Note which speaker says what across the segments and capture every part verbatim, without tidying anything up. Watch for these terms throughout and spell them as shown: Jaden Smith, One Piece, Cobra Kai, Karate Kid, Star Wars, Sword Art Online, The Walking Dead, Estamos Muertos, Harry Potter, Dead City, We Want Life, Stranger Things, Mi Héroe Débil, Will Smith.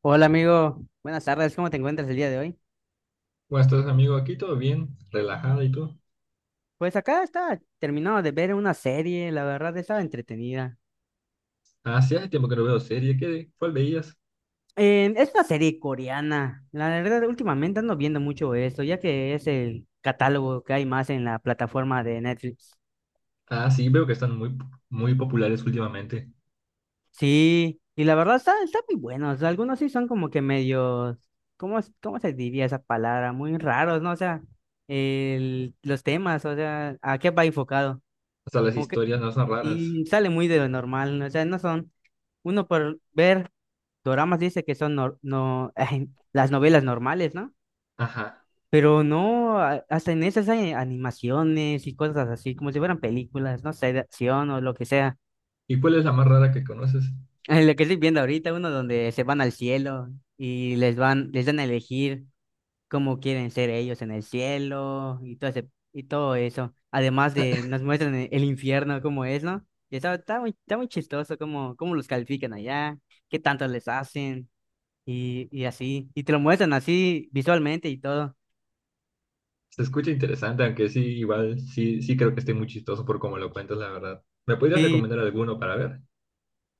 Speaker 1: Hola amigo, buenas tardes, ¿cómo te encuentras el día de hoy?
Speaker 2: ¿Cómo estás, amigo? Aquí todo bien, relajado y todo.
Speaker 1: Pues acá está terminado de ver una serie, la verdad estaba entretenida.
Speaker 2: Ah, sí, hace tiempo que no veo serie. ¿Qué, cuál veías?
Speaker 1: Eh, es una serie coreana, la verdad últimamente ando viendo mucho esto, ya que es el catálogo que hay más en la plataforma de Netflix.
Speaker 2: Ah, sí, veo que están muy, muy populares últimamente.
Speaker 1: Sí, y la verdad está, está muy buenos, algunos sí son como que medios, ¿cómo, es- cómo se diría esa palabra? Muy raros, ¿no? O sea, el, los temas, o sea, ¿a qué va enfocado?
Speaker 2: Hasta las historias no son raras.
Speaker 1: Y sale muy de lo normal, ¿no? O sea, no son, uno por ver doramas dice que son nor- no, las novelas normales, ¿no?
Speaker 2: Ajá.
Speaker 1: Pero no, a- hasta en esas hay animaciones y cosas así, como si fueran películas, no sé, de acción o lo que sea.
Speaker 2: ¿Y cuál es la más rara que conoces?
Speaker 1: Lo que estoy viendo ahorita, uno donde se van al cielo y les van, les dan a elegir cómo quieren ser ellos en el cielo y todo ese- y todo eso. Además de nos muestran e- el infierno cómo es, ¿no? Y está, está muy, está muy chistoso cómo, cómo los califican allá, qué tanto les hacen y, y así. Y te lo muestran así visualmente y todo.
Speaker 2: Se escucha interesante, aunque sí, igual, sí, sí creo que esté muy chistoso por cómo lo cuentas, la verdad. ¿Me podrías
Speaker 1: Sí,
Speaker 2: recomendar alguno para ver?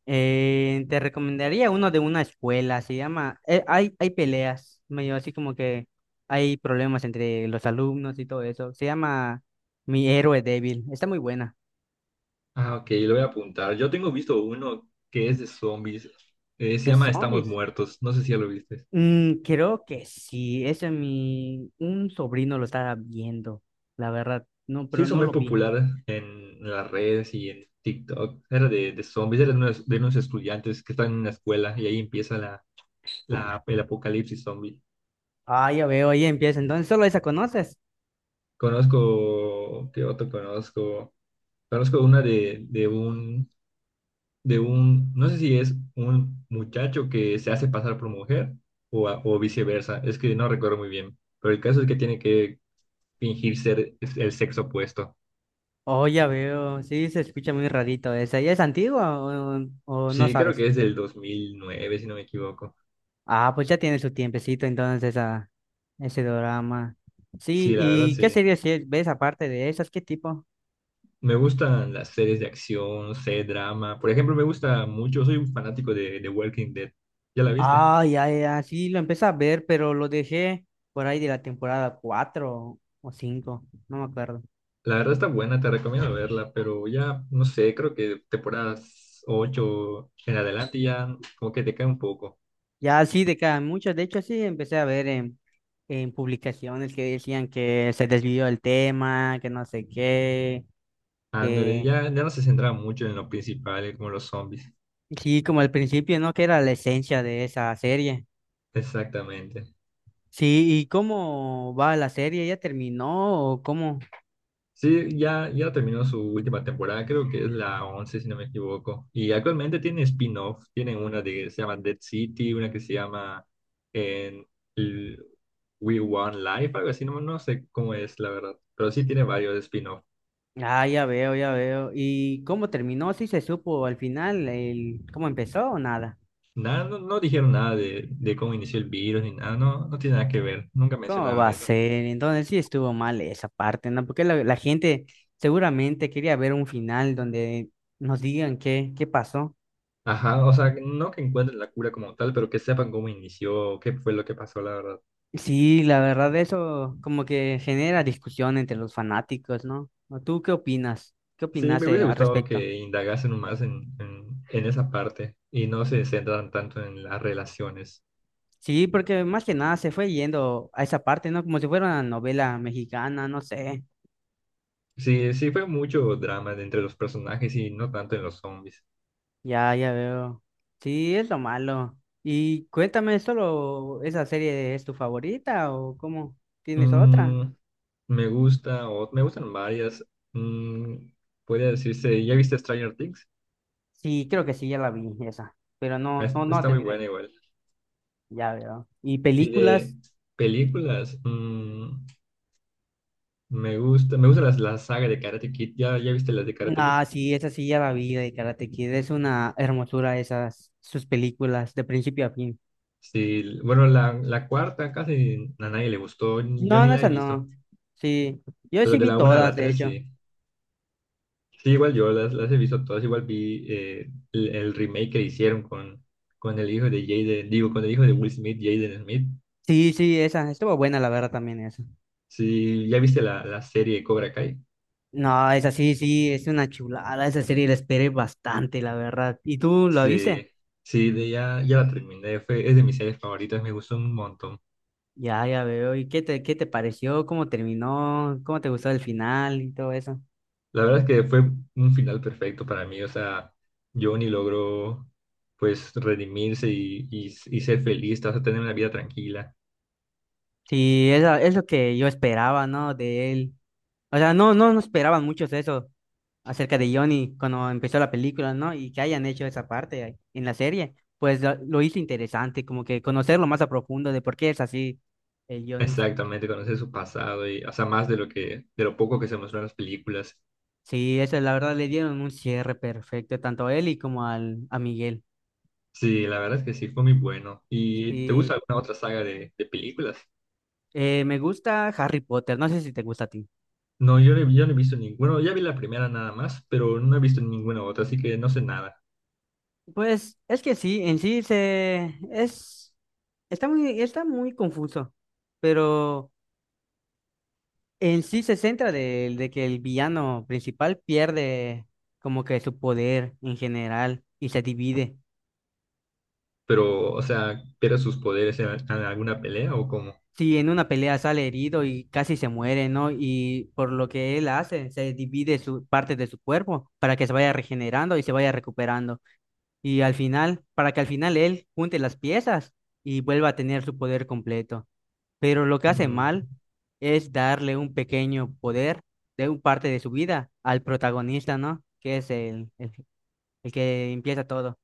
Speaker 1: eh, te recomendaría uno de una escuela, se llama, eh, hay, hay peleas, medio así como que hay problemas entre los alumnos y todo eso. Se llama Mi Héroe Débil, está muy buena.
Speaker 2: Ah, ok, lo voy a apuntar. Yo tengo visto uno que es de zombies. Eh, se
Speaker 1: De
Speaker 2: llama Estamos
Speaker 1: zombies.
Speaker 2: Muertos. No sé si ya lo viste.
Speaker 1: Mm, creo que sí, ese mi, un sobrino lo estaba viendo, la verdad, no,
Speaker 2: Se
Speaker 1: pero
Speaker 2: hizo
Speaker 1: no
Speaker 2: muy
Speaker 1: lo vi.
Speaker 2: popular en las redes y en TikTok. Era de, de zombies, era de unos, de unos estudiantes que están en una escuela y ahí empieza la, la- el apocalipsis zombie.
Speaker 1: Ah, ya veo, ahí empieza, entonces solo esa conoces.
Speaker 2: Conozco, ¿qué otro conozco? Conozco una de, de un, de un, no sé si es un muchacho que se hace pasar por mujer o, a- o viceversa. Es que no recuerdo muy bien, pero el caso es que tiene que fingir ser el sexo opuesto.
Speaker 1: Oh, ya veo, sí, se escucha muy rarito esa, ¿y es antigua o, o no
Speaker 2: Sí, creo
Speaker 1: sabes?
Speaker 2: que es del dos mil nueve si no me equivoco.
Speaker 1: Ah, pues ya tiene su tiempecito entonces esa, ese drama. Sí,
Speaker 2: Sí, la verdad,
Speaker 1: ¿y qué
Speaker 2: sí.
Speaker 1: series sí ves aparte de esas? ¿Qué tipo?
Speaker 2: Me gustan las series de acción, no sé, drama. Por ejemplo, me gusta mucho, soy un fanático de The Walking Dead. ¿Ya la viste?
Speaker 1: Ah, ya, ya, sí, lo empecé a ver, pero lo dejé por ahí de la temporada cuatro o cinco no me acuerdo.
Speaker 2: La verdad está buena, te recomiendo verla, pero ya, no sé, creo que temporadas ocho en adelante ya como que te cae un poco.
Speaker 1: Ya sí, de cada muchas. De hecho, sí, empecé a ver en, en publicaciones que decían que se desvió el tema, que no sé qué,
Speaker 2: Ándale,
Speaker 1: que
Speaker 2: ya, ya no se centra mucho en lo principal, como los zombies.
Speaker 1: sí, como al principio, ¿no? Que era la esencia de esa serie.
Speaker 2: Exactamente.
Speaker 1: Sí, ¿y cómo va la serie? ¿Ya terminó o cómo?
Speaker 2: Sí, ya, ya terminó su última temporada, creo que es la once si no me equivoco. Y actualmente tiene spin-off, tienen una de, que se llama Dead City, una que se llama en L- We Want Life, algo así, no, no sé cómo es la verdad, pero sí tiene varios spin-off.
Speaker 1: Ah, ya veo, ya veo. ¿Y cómo terminó? ¿Sí se supo al final el cómo empezó o nada?
Speaker 2: Nada, no, no dijeron nada de, de cómo inició el virus ni nada, no, no tiene nada que ver, nunca
Speaker 1: ¿Cómo va
Speaker 2: mencionaron
Speaker 1: a
Speaker 2: eso.
Speaker 1: ser? Entonces sí estuvo mal esa parte, ¿no? Porque la, la gente seguramente quería ver un final donde nos digan qué, qué pasó.
Speaker 2: Ajá, o sea, no que encuentren la cura como tal, pero que sepan cómo inició, qué fue lo que pasó, la verdad.
Speaker 1: Sí, la verdad eso como que genera discusión entre los fanáticos, ¿no? ¿O ¿Tú qué opinas? ¿Qué
Speaker 2: Sí, me
Speaker 1: opinaste
Speaker 2: hubiese
Speaker 1: al
Speaker 2: gustado
Speaker 1: respecto?
Speaker 2: que indagasen más en, en, en esa parte y no se centran tanto en las relaciones.
Speaker 1: Sí, porque más que nada se fue yendo a esa parte, ¿no? Como si fuera una novela mexicana, no sé.
Speaker 2: Sí, sí fue mucho drama de entre los personajes y no tanto en los zombies.
Speaker 1: Ya, ya veo. Sí, es lo malo. Y cuéntame, ¿solo esa serie es tu favorita o cómo? ¿Tienes otra?
Speaker 2: Mm, Me gusta, o me gustan varias. Mm, Podría decirse, ¿ya viste Stranger Things?
Speaker 1: Sí, creo que sí, ya la vi esa, pero no,
Speaker 2: Es-
Speaker 1: no, no
Speaker 2: Está muy
Speaker 1: terminé,
Speaker 2: buena igual.
Speaker 1: ya veo. Y
Speaker 2: Y de
Speaker 1: películas,
Speaker 2: películas, mm, me gusta, me gusta las, la saga de Karate Kid. ¿Ya, ya viste las de Karate Kid?
Speaker 1: ah, sí, esa sí ya la vi de Karate Kid, es una hermosura esas, sus películas, de principio a fin.
Speaker 2: Sí, bueno, la, la cuarta casi a nadie le gustó, yo
Speaker 1: No,
Speaker 2: ni
Speaker 1: no,
Speaker 2: la
Speaker 1: esa
Speaker 2: he
Speaker 1: no,
Speaker 2: visto,
Speaker 1: sí, yo
Speaker 2: pero
Speaker 1: sí
Speaker 2: de
Speaker 1: vi
Speaker 2: la una a
Speaker 1: todas,
Speaker 2: la
Speaker 1: de
Speaker 2: tres
Speaker 1: hecho.
Speaker 2: sí. Sí, igual yo las, las he visto todas, igual vi eh, el, el remake que hicieron con, con el hijo de Jaden, digo, con el hijo de Will Smith, Jaden Smith.
Speaker 1: Sí, sí, esa, estuvo buena la verdad también esa.
Speaker 2: Sí, ¿ya viste la, la serie de Cobra Kai?
Speaker 1: No, esa sí, sí, es una chulada, esa serie la esperé bastante, la verdad. ¿Y tú lo viste?
Speaker 2: Sí, sí, de ya, ya la terminé, fue, es de mis series favoritas, me gustó un montón.
Speaker 1: Ya, ya veo, ¿y qué te, qué te pareció? ¿Cómo terminó? ¿Cómo te gustó el final y todo eso?
Speaker 2: La verdad es que fue un final perfecto para mí. O sea, Johnny logró pues redimirse y, y, y ser feliz, o sea, tener una vida tranquila.
Speaker 1: Sí, es, a- es lo que yo esperaba, ¿no? De él. O sea, no, no, no esperaban muchos eso acerca de Johnny cuando empezó la película, ¿no? Y que hayan hecho esa parte ahí en la serie, pues lo, lo hizo interesante, como que conocerlo más a profundo de por qué es así, eh, Johnny.
Speaker 2: Exactamente, conocer su pasado y, o sea, más de lo que, de lo poco que se mostró en las películas.
Speaker 1: Sí, eso la verdad le dieron un cierre perfecto, tanto a él y como al, a Miguel.
Speaker 2: Sí, la verdad es que sí, fue muy bueno. ¿Y te gusta
Speaker 1: Sí,
Speaker 2: alguna otra saga de, de películas?
Speaker 1: Eh, me gusta Harry Potter, no sé si te gusta a ti.
Speaker 2: No, yo, no yo no he visto ninguna. Ya vi la primera nada más, pero no he visto ninguna otra, así que no sé nada.
Speaker 1: Pues es que sí, en sí se es está muy está muy confuso, pero en sí se centra de, de que el villano principal pierde como que su poder en general y se divide.
Speaker 2: Pero, o sea, ¿pierde sus poderes en, en alguna pelea o cómo?
Speaker 1: Si en una pelea sale herido y casi se muere, ¿no? Y por lo que él hace, se divide su parte de su cuerpo para que se vaya regenerando y se vaya recuperando. Y al final, para que al final él junte las piezas y vuelva a tener su poder completo. Pero lo que hace
Speaker 2: Mm,
Speaker 1: mal es darle un pequeño poder de un parte de su vida al protagonista, ¿no? Que es el, el, el que empieza todo.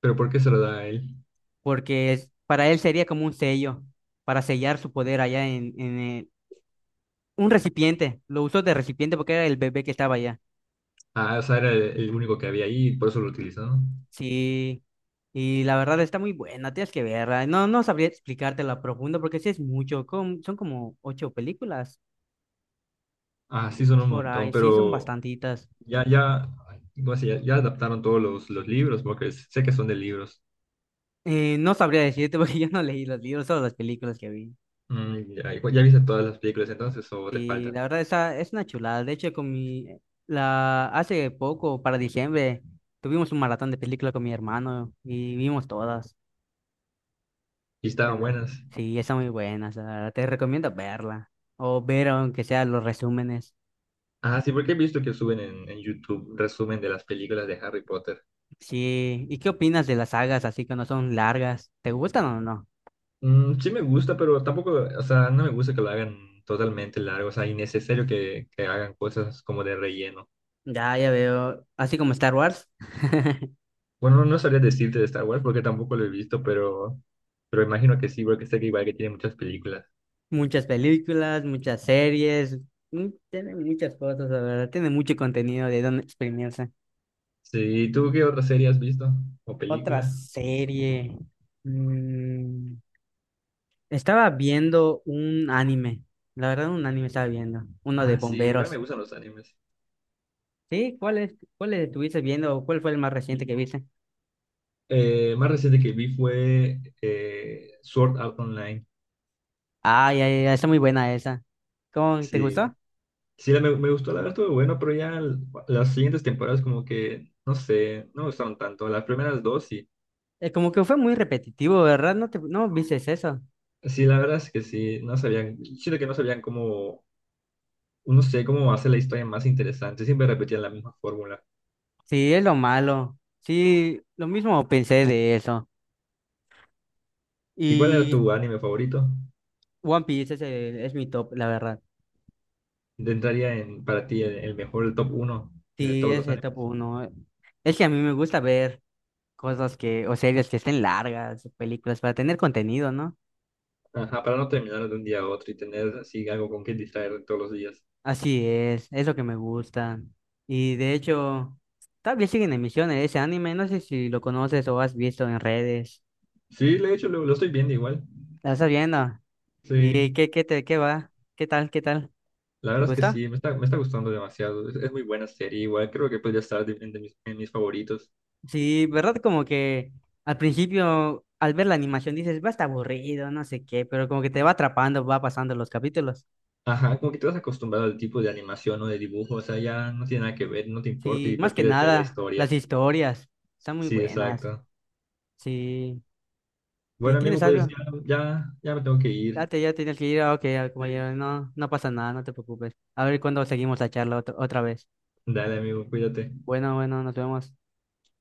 Speaker 2: ¿Pero por qué se lo da a él?
Speaker 1: Porque es, para él sería como un sello para sellar su poder allá en, en el- un recipiente. Lo usó de recipiente porque era el bebé que estaba allá.
Speaker 2: Ah, o sea, era el, el único que había ahí y por eso lo utilizaron.
Speaker 1: Sí. Y la verdad está muy buena, tienes que verla. No, no sabría explicártelo a profundo porque sí es mucho. Com- son como ocho películas
Speaker 2: Ah, sí, son un
Speaker 1: por
Speaker 2: montón,
Speaker 1: ahí. Sí, son
Speaker 2: pero
Speaker 1: bastantitas.
Speaker 2: ya, ya, ¿cómo se llama? Ya, adaptaron todos los, los libros, porque s- sé que son de libros.
Speaker 1: Eh, no sabría decirte porque yo no leí los libros, solo las películas que vi.
Speaker 2: Mm, ya, ya viste todas las películas entonces o te
Speaker 1: Y
Speaker 2: faltan?
Speaker 1: la verdad esa es una chulada. De hecho, con mi la hace poco, para diciembre, tuvimos un maratón de películas con mi hermano y vimos todas
Speaker 2: Y
Speaker 1: de
Speaker 2: estaban
Speaker 1: nuevo.
Speaker 2: buenas.
Speaker 1: Sí, está muy buena, o sea, te recomiendo verla o ver aunque sea los resúmenes.
Speaker 2: Ah, sí, porque he visto que suben en, en YouTube resumen de las películas de Harry Potter.
Speaker 1: Sí, ¿y qué opinas de las sagas así que no son largas? ¿Te gustan o no?
Speaker 2: Mm, sí me gusta, pero tampoco, o sea, no me gusta que lo hagan totalmente largo, o sea, innecesario que, que hagan cosas como de relleno.
Speaker 1: Ya, ya veo, así como Star Wars.
Speaker 2: Bueno, no sabría decirte de Star Wars porque tampoco lo he visto, pero, pero, imagino que sí, porque sé que igual que tiene muchas películas.
Speaker 1: Muchas películas, muchas series, mm, tiene muchas cosas, la verdad. Tiene mucho contenido de dónde exprimirse.
Speaker 2: Sí, ¿tú qué otra serie has visto? ¿O
Speaker 1: Otra
Speaker 2: película?
Speaker 1: serie. mm, Estaba viendo un anime. La verdad, un anime estaba viendo. Uno de
Speaker 2: Ah, sí, igual me
Speaker 1: bomberos.
Speaker 2: gustan los animes.
Speaker 1: ¿Sí? ¿Cuál es, cuál estuviste viendo o cuál fue el más reciente que viste?
Speaker 2: Eh, más reciente que vi fue eh, Sword Art Online.
Speaker 1: Ay, ay, ay, está muy buena esa. ¿Cómo te
Speaker 2: Sí,
Speaker 1: gustó?
Speaker 2: sí, la- me, me gustó, la verdad estuvo bueno, pero ya l- las siguientes temporadas como que, no sé, no me gustaron tanto. Las primeras dos sí.
Speaker 1: Eh, como que fue muy repetitivo, ¿verdad? No te, no viste eso.
Speaker 2: Sí, la verdad es que sí, no sabían, siento que no sabían cómo, no sé, cómo hacer la historia más interesante. Siempre repetían la misma fórmula.
Speaker 1: Sí, es lo malo. Sí, lo mismo pensé de eso.
Speaker 2: ¿Y cuál era
Speaker 1: Y
Speaker 2: tu anime favorito?
Speaker 1: One Piece es, el- es mi top, la verdad.
Speaker 2: Intentaría en, para ti el, el mejor, el top uno de
Speaker 1: Sí,
Speaker 2: todos
Speaker 1: es
Speaker 2: los
Speaker 1: el
Speaker 2: animes.
Speaker 1: top uno. Es que a mí me gusta ver cosas que, o series que estén largas, o películas, para tener contenido, ¿no?
Speaker 2: Ajá, para no terminar de un día a otro y tener así algo con que distraer todos los días.
Speaker 1: Así es, es lo que me gusta. Y de hecho, todavía sigue en emisión ese anime, no sé si lo conoces o has visto en redes.
Speaker 2: Sí, de hecho lo, lo estoy viendo igual.
Speaker 1: ¿La estás viendo?
Speaker 2: Sí,
Speaker 1: ¿Y qué, qué te, qué va? ¿Qué tal? ¿Qué tal?
Speaker 2: la
Speaker 1: ¿Te
Speaker 2: verdad es que
Speaker 1: gusta?
Speaker 2: sí, me está, me está gustando demasiado. Es, es muy buena serie, igual creo que podría estar de- en, de mis, en mis favoritos.
Speaker 1: Sí, ¿verdad? Como que al principio, al ver la animación, dices, va a estar aburrido, no sé qué, pero como que te va atrapando, va pasando los capítulos.
Speaker 2: Ajá, como que te vas acostumbrado al tipo de animación o de dibujo, o sea, ya no tiene nada que ver, no te importa
Speaker 1: Sí,
Speaker 2: y
Speaker 1: más que
Speaker 2: prefieres ver la
Speaker 1: nada,
Speaker 2: historia.
Speaker 1: las historias están muy
Speaker 2: Sí,
Speaker 1: buenas.
Speaker 2: exacto.
Speaker 1: Sí, ¿y
Speaker 2: Bueno, amigo,
Speaker 1: tienes
Speaker 2: pues
Speaker 1: algo?
Speaker 2: ya, ya, ya me tengo que
Speaker 1: Ya
Speaker 2: ir.
Speaker 1: te, ya tienes que ir, ah, ok, ah,
Speaker 2: Sí.
Speaker 1: compañero, no, no pasa nada, no te preocupes. A ver cuándo seguimos la charla otra, otra vez.
Speaker 2: Dale, amigo, cuídate.
Speaker 1: Bueno, bueno, nos vemos.